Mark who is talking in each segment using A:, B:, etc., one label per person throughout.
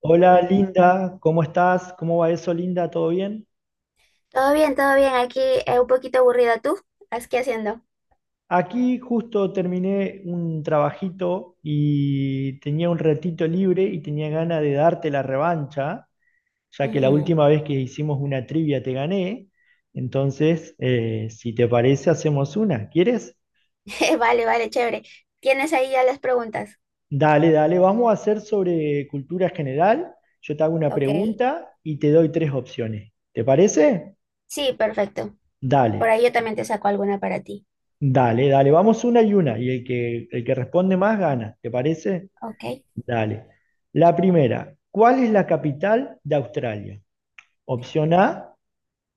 A: Hola Linda, ¿cómo estás? ¿Cómo va eso, Linda? ¿Todo bien?
B: Todo bien, todo bien. Aquí un poquito aburrida. ¿Tú? ¿Qué haciendo?
A: Aquí justo terminé un trabajito y tenía un ratito libre y tenía ganas de darte la revancha, ya que la
B: Ujú.
A: última vez que hicimos una trivia te gané. Entonces, si te parece, hacemos una. ¿Quieres?
B: Vale, vale, chévere. ¿Tienes ahí ya las preguntas?
A: Dale, dale, vamos a hacer sobre cultura general. Yo te hago una
B: Ok.
A: pregunta y te doy tres opciones. ¿Te parece?
B: Sí, perfecto. Por ahí
A: Dale.
B: yo también te saco alguna para ti.
A: Dale, dale, vamos una, y el que responde más gana, ¿te parece?
B: Ok.
A: Dale. La primera, ¿cuál es la capital de Australia? Opción A,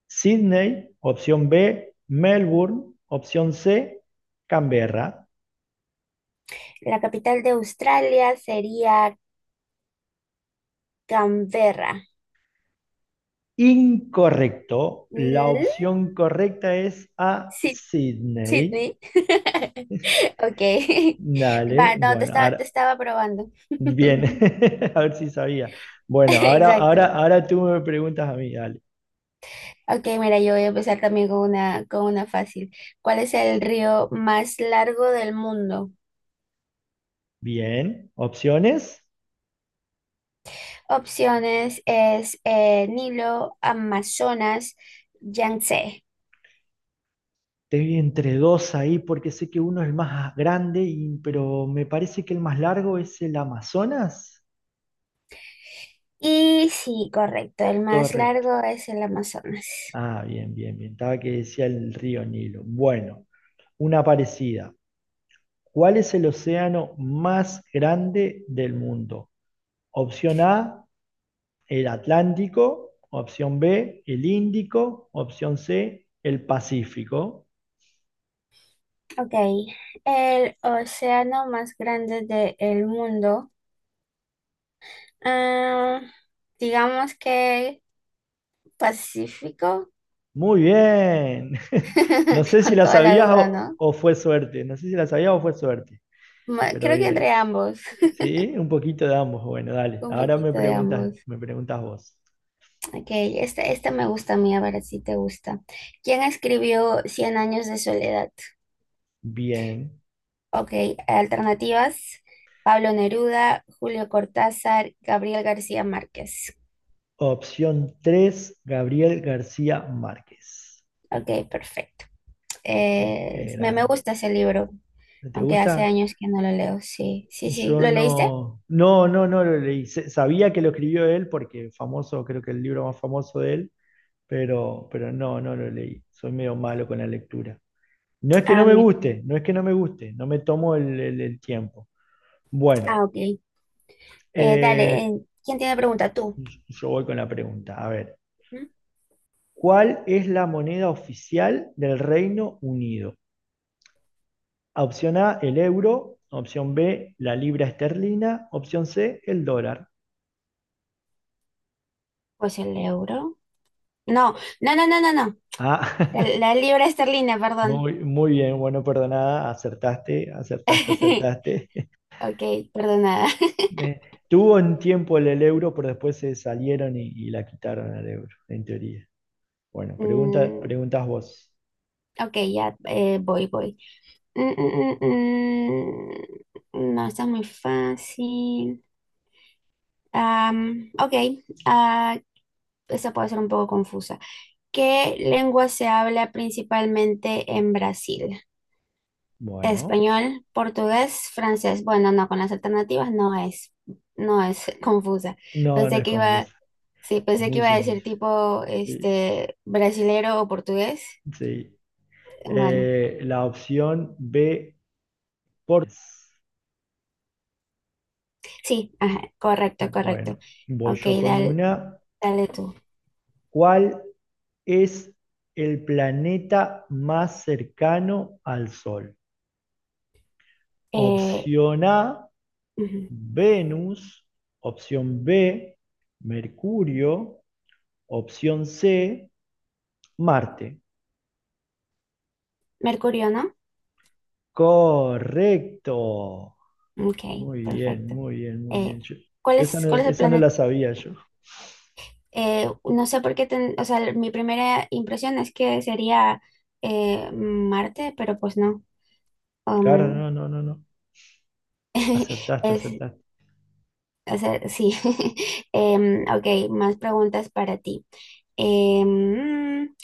A: Sydney, opción B, Melbourne, opción C, Canberra.
B: La capital de Australia sería Canberra.
A: Incorrecto, la
B: Mm,
A: opción correcta es A,
B: sí,
A: Sydney.
B: Sydney. Ok.
A: Dale,
B: Va, no, te
A: bueno,
B: estaba, te
A: ahora,
B: estaba probando.
A: bien, a ver si sabía. Bueno, ahora, ahora,
B: Exacto.
A: ahora tú me preguntas a mí, dale.
B: Ok, mira, yo voy a empezar también con una fácil. ¿Cuál es el río más largo del mundo?
A: Bien, opciones.
B: Opciones es Nilo, Amazonas, Yangtze.
A: Te vi entre dos ahí porque sé que uno es el más grande, y- pero me parece que el más largo es el Amazonas.
B: Y sí, correcto, el más
A: Correcto.
B: largo es el Amazonas.
A: Ah, bien, bien, bien. Estaba que decía el río Nilo. Bueno, una parecida. ¿Cuál es el océano más grande del mundo? Opción A, el Atlántico. Opción B, el Índico. Opción C, el Pacífico.
B: Ok, el océano más grande del mundo. Ah, digamos que Pacífico,
A: Muy bien. No sé si
B: con
A: la
B: toda la
A: sabías
B: duda, ¿no?
A: o fue suerte. No sé si la sabías o fue suerte.
B: Ma-
A: Pero
B: Creo que
A: bien,
B: entre ambos,
A: sí, un poquito de ambos. Bueno, dale.
B: un
A: Ahora
B: poquito de ambos.
A: me preguntas vos.
B: Ok, este me gusta a mí, a ver si te gusta. ¿Quién escribió Cien años de soledad?
A: Bien.
B: Ok, alternativas, Pablo Neruda, Julio Cortázar, Gabriel García Márquez.
A: Opción tres Gabriel García Márquez.
B: Ok, perfecto.
A: ¿Viste? Qué
B: Me
A: grande.
B: gusta ese libro,
A: ¿No ¿Te
B: aunque hace
A: gusta?
B: años que no lo leo. Sí, sí, sí.
A: Yo
B: ¿Lo leíste?
A: no, no, no, no lo leí. Se- Sabía que lo escribió él porque famoso, creo que el libro más famoso de él, pero no, no lo leí. Soy medio malo con la lectura. No es que no
B: Ah,
A: me
B: mira.
A: guste, no es que no me guste, no me tomo el tiempo.
B: Ah,
A: Bueno,
B: ok. Dale,
A: eh,
B: ¿quién tiene pregunta? ¿Tú?
A: yo voy con la pregunta. A ver,
B: ¿Mm?
A: ¿cuál es la moneda oficial del Reino Unido? Opción A, el euro. Opción B, la libra esterlina. Opción C, el dólar.
B: Pues el euro. No, no, no, no, no, no.
A: Ah,
B: La, la libra esterlina, perdón.
A: muy, muy bien, bueno, perdonada, acertaste, acertaste, acertaste.
B: Ok, perdonada.
A: Eh, tuvo un tiempo el euro, pero después se salieron y la quitaron al euro, en teoría. Bueno, pregunta,
B: Mm,
A: preguntas vos.
B: ok, ya voy, voy. Mm, mm, mm, No, está muy fácil. Ok, ah, esa puede ser un poco confusa. ¿Qué lengua se habla principalmente en Brasil?
A: Bueno,
B: Español, portugués, francés. Bueno, no, con las alternativas no es confusa.
A: no, no
B: Pensé
A: es
B: que
A: confusa,
B: iba, sí,
A: es
B: pensé que
A: muy
B: iba a decir
A: sencillo.
B: tipo,
A: Sí,
B: este, brasilero o portugués.
A: sí.
B: Bueno.
A: La opción B, por
B: Sí, ajá, correcto,
A: Bueno,
B: correcto.
A: voy
B: Ok,
A: yo con
B: dale,
A: una.
B: dale tú.
A: ¿Cuál es el planeta más cercano al Sol?
B: Eh,
A: Opción A,
B: Ujú.
A: Venus. Opción B, Mercurio. Opción C, Marte.
B: Mercurio, ¿no?
A: Correcto.
B: Ok,
A: Muy bien,
B: perfecto.
A: muy bien, muy
B: Eh,
A: bien. Yo,
B: ¿cuál
A: yo
B: es, cuál es el
A: esa no la
B: planeta?
A: sabía yo.
B: No sé por qué, o sea, mi primera impresión es que sería Marte, pero pues no.
A: Claro,
B: Um,
A: no, no, no, no. Acertaste,
B: es,
A: acertaste.
B: o sea, sí. Ok, más preguntas para ti. Em, mm,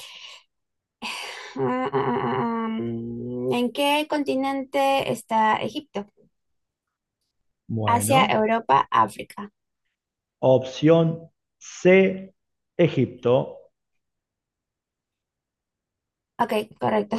B: ah, ah, ah, ¿En qué continente está Egipto? Asia,
A: Bueno,
B: Europa, África.
A: opción C, Egipto.
B: Ok, correcto.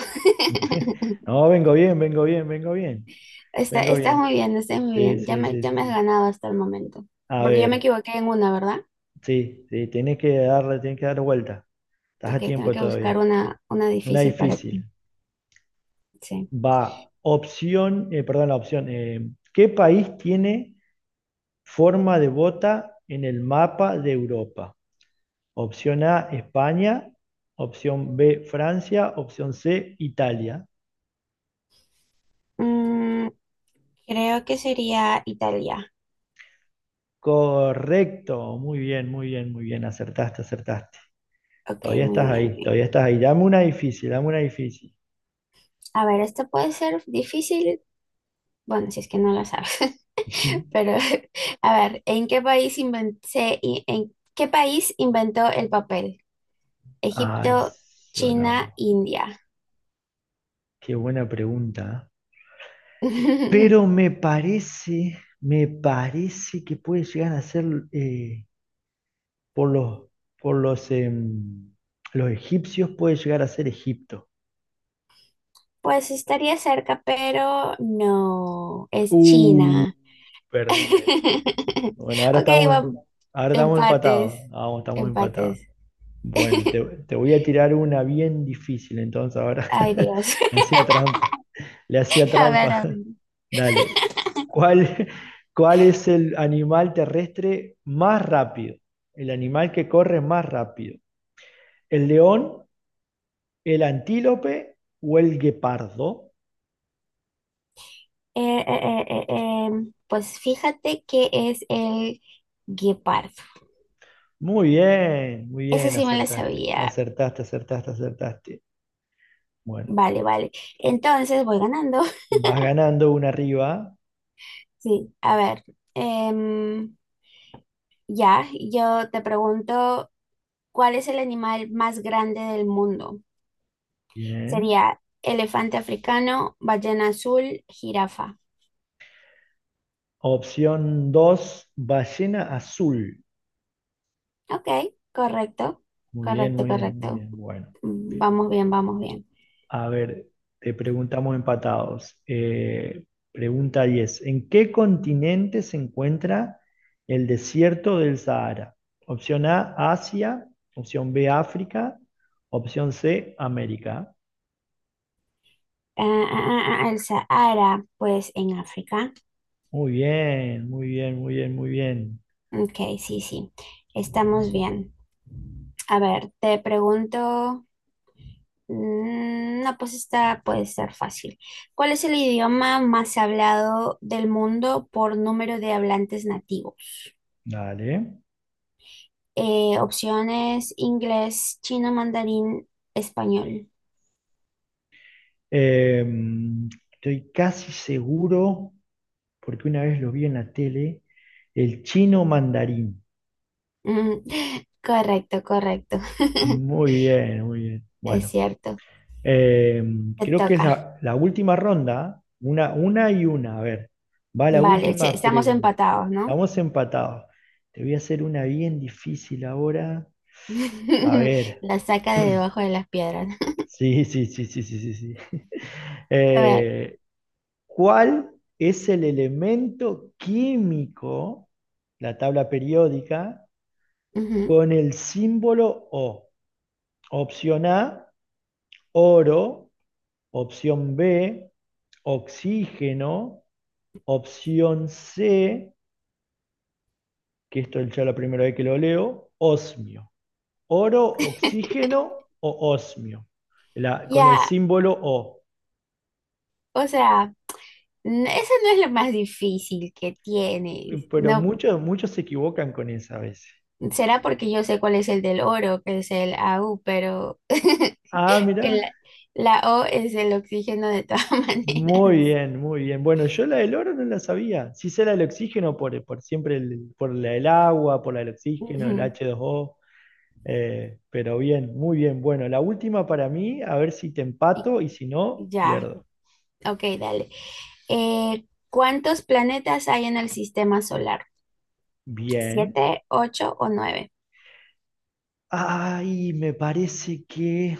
A: No, vengo bien, vengo bien, vengo bien, vengo
B: Estás muy
A: bien.
B: bien, estás muy
A: Sí,
B: bien. Ya
A: sí,
B: me,
A: sí,
B: ya
A: sí,
B: me has
A: sí.
B: ganado hasta el momento.
A: A
B: Porque yo me
A: ver,
B: equivoqué en una, ¿verdad?
A: sí, sí, tienes que darle, tienes que dar vuelta. Estás
B: Ok,
A: a
B: tengo
A: tiempo
B: que buscar
A: todavía.
B: una
A: Una
B: difícil para ti.
A: difícil.
B: Sí.
A: Va, opción, perdón, la opción. ¿Qué país tiene forma de bota en el mapa de Europa? Opción A, España. Opción B, Francia. Opción C, Italia.
B: Mm, creo que sería Italia.
A: Correcto, muy bien, muy bien, muy bien, acertaste, acertaste.
B: Ok,
A: Todavía
B: muy
A: estás
B: bien,
A: ahí,
B: muy
A: todavía estás
B: bien.
A: ahí. Dame una difícil, dame una difícil.
B: A ver, esto puede ser difícil. Bueno, si es que no lo sabes. Pero, a ver, ¿en qué país en qué país inventó el papel?
A: Ay,
B: Egipto, China,
A: sonamos.
B: India.
A: Qué buena pregunta. ¿Eh? Pero me parece, me parece que puede llegar a ser eh, por los, por los los egipcios, puede llegar a ser Egipto.
B: Pues estaría cerca, pero no, es
A: Uh,
B: China.
A: perdí ahí. Bueno,
B: Ok, vamos.
A: ahora estamos empatados.
B: Empates,
A: Vamos, estamos empatados.
B: empates.
A: Bueno, te, te voy a tirar una bien difícil, entonces ahora
B: Ay, Dios.
A: le hacía trampa, le hacía
B: A ver,
A: trampa.
B: a ver.
A: Dale, ¿cuál, cuál es el animal terrestre más rápido? El animal que corre más rápido. ¿El león, el antílope o el guepardo?
B: Pues fíjate que es el guepardo.
A: Muy
B: Eso
A: bien,
B: sí me lo
A: acertaste,
B: sabía.
A: acertaste, acertaste, acertaste. Bueno,
B: Vale, vale. Entonces voy ganando.
A: vas ganando una arriba.
B: Sí, a ver. em, ya, yo te pregunto, ¿cuál es el animal más grande del mundo?
A: Bien.
B: Sería elefante africano, ballena azul, jirafa.
A: Opción 2, ballena azul.
B: Ok, correcto,
A: Muy bien,
B: correcto,
A: muy bien,
B: correcto.
A: muy bien. Bueno,
B: Vamos bien, vamos bien.
A: a ver, te preguntamos empatados. Pregunta 10. ¿En qué continente se encuentra el desierto del Sahara? Opción A, Asia. Opción B, África. Opción C, América.
B: El Sahara, pues en África.
A: Muy bien, muy bien, muy bien, muy bien.
B: Ok, sí, sí, estamos bien. A ver, te pregunto, no, pues esta puede ser fácil. ¿Cuál es el idioma más hablado del mundo por número de hablantes nativos?
A: Dale.
B: Opciones inglés, chino, mandarín, español.
A: Eh, estoy casi seguro, porque una vez lo vi en la tele, el chino mandarín.
B: Mm, correcto, correcto.
A: Muy bien, muy bien.
B: Es
A: Bueno,
B: cierto.
A: Eh,
B: Te
A: creo que es
B: toca.
A: la, la última ronda, una y una. A ver, va la
B: Vale, sí,
A: última
B: estamos
A: pregunta.
B: empatados, ¿no?
A: Estamos empatados. Te voy a hacer una bien difícil ahora. A ver,
B: La saca de debajo de las piedras.
A: sí, sí, sí, sí, sí, sí. sí.
B: A ver.
A: Eh, ¿Cuál es el elemento químico, la tabla periódica,
B: Ujú.
A: con el símbolo O? Opción A, oro. Opción B, oxígeno. Opción C, que esto es ya la primera vez que lo leo, osmio. Oro, oxígeno o osmio. La- con el
B: Ya,
A: símbolo O.
B: o sea, eso no es lo más difícil que tienes.
A: Pero
B: No,
A: muchos, muchos se equivocan con esa a veces.
B: será porque yo sé cuál es el del oro, que es el a u pero
A: Ah,
B: el-
A: mira.
B: la O es el oxígeno de todas
A: Muy
B: maneras.
A: bien, muy bien. Bueno, yo la del oro no la sabía. Sí sé la del oxígeno por siempre, por la del agua, por la del oxígeno, el
B: Ujú.
A: H2O. Pero bien, muy bien. Bueno, la última para mí, a ver si te
B: Y-
A: empato y si no,
B: Ya,
A: pierdo.
B: ok, dale. ¿Cuántos planetas hay en el sistema solar?
A: Bien.
B: ¿Siete, ocho o nueve?
A: Ay, me parece que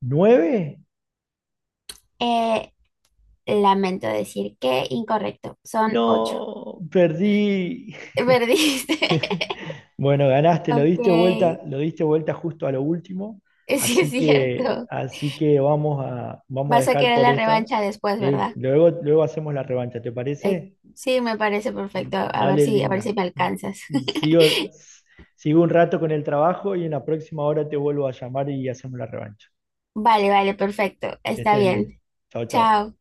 A: ¿nueve?
B: Eh, lamento decir que incorrecto, son ocho.
A: No, perdí.
B: Perdiste.
A: Bueno, ganaste,
B: Ok,
A: lo diste vuelta justo a lo último,
B: sí es cierto.
A: así que vamos a, vamos a
B: Vas a
A: dejar
B: querer
A: por
B: la
A: esta.
B: revancha después,
A: Sí,
B: ¿verdad?
A: luego, luego hacemos la revancha, ¿te
B: Eh,
A: parece?
B: sí, me parece perfecto. A ver
A: Dale,
B: si, a ver
A: linda.
B: si me alcanzas.
A: Sigo, sigo un rato con el trabajo y en la próxima hora te vuelvo a llamar y hacemos la revancha.
B: Vale, vale, perfecto.
A: Que
B: Está
A: estés bien.
B: bien.
A: Chao, chao.
B: Chao.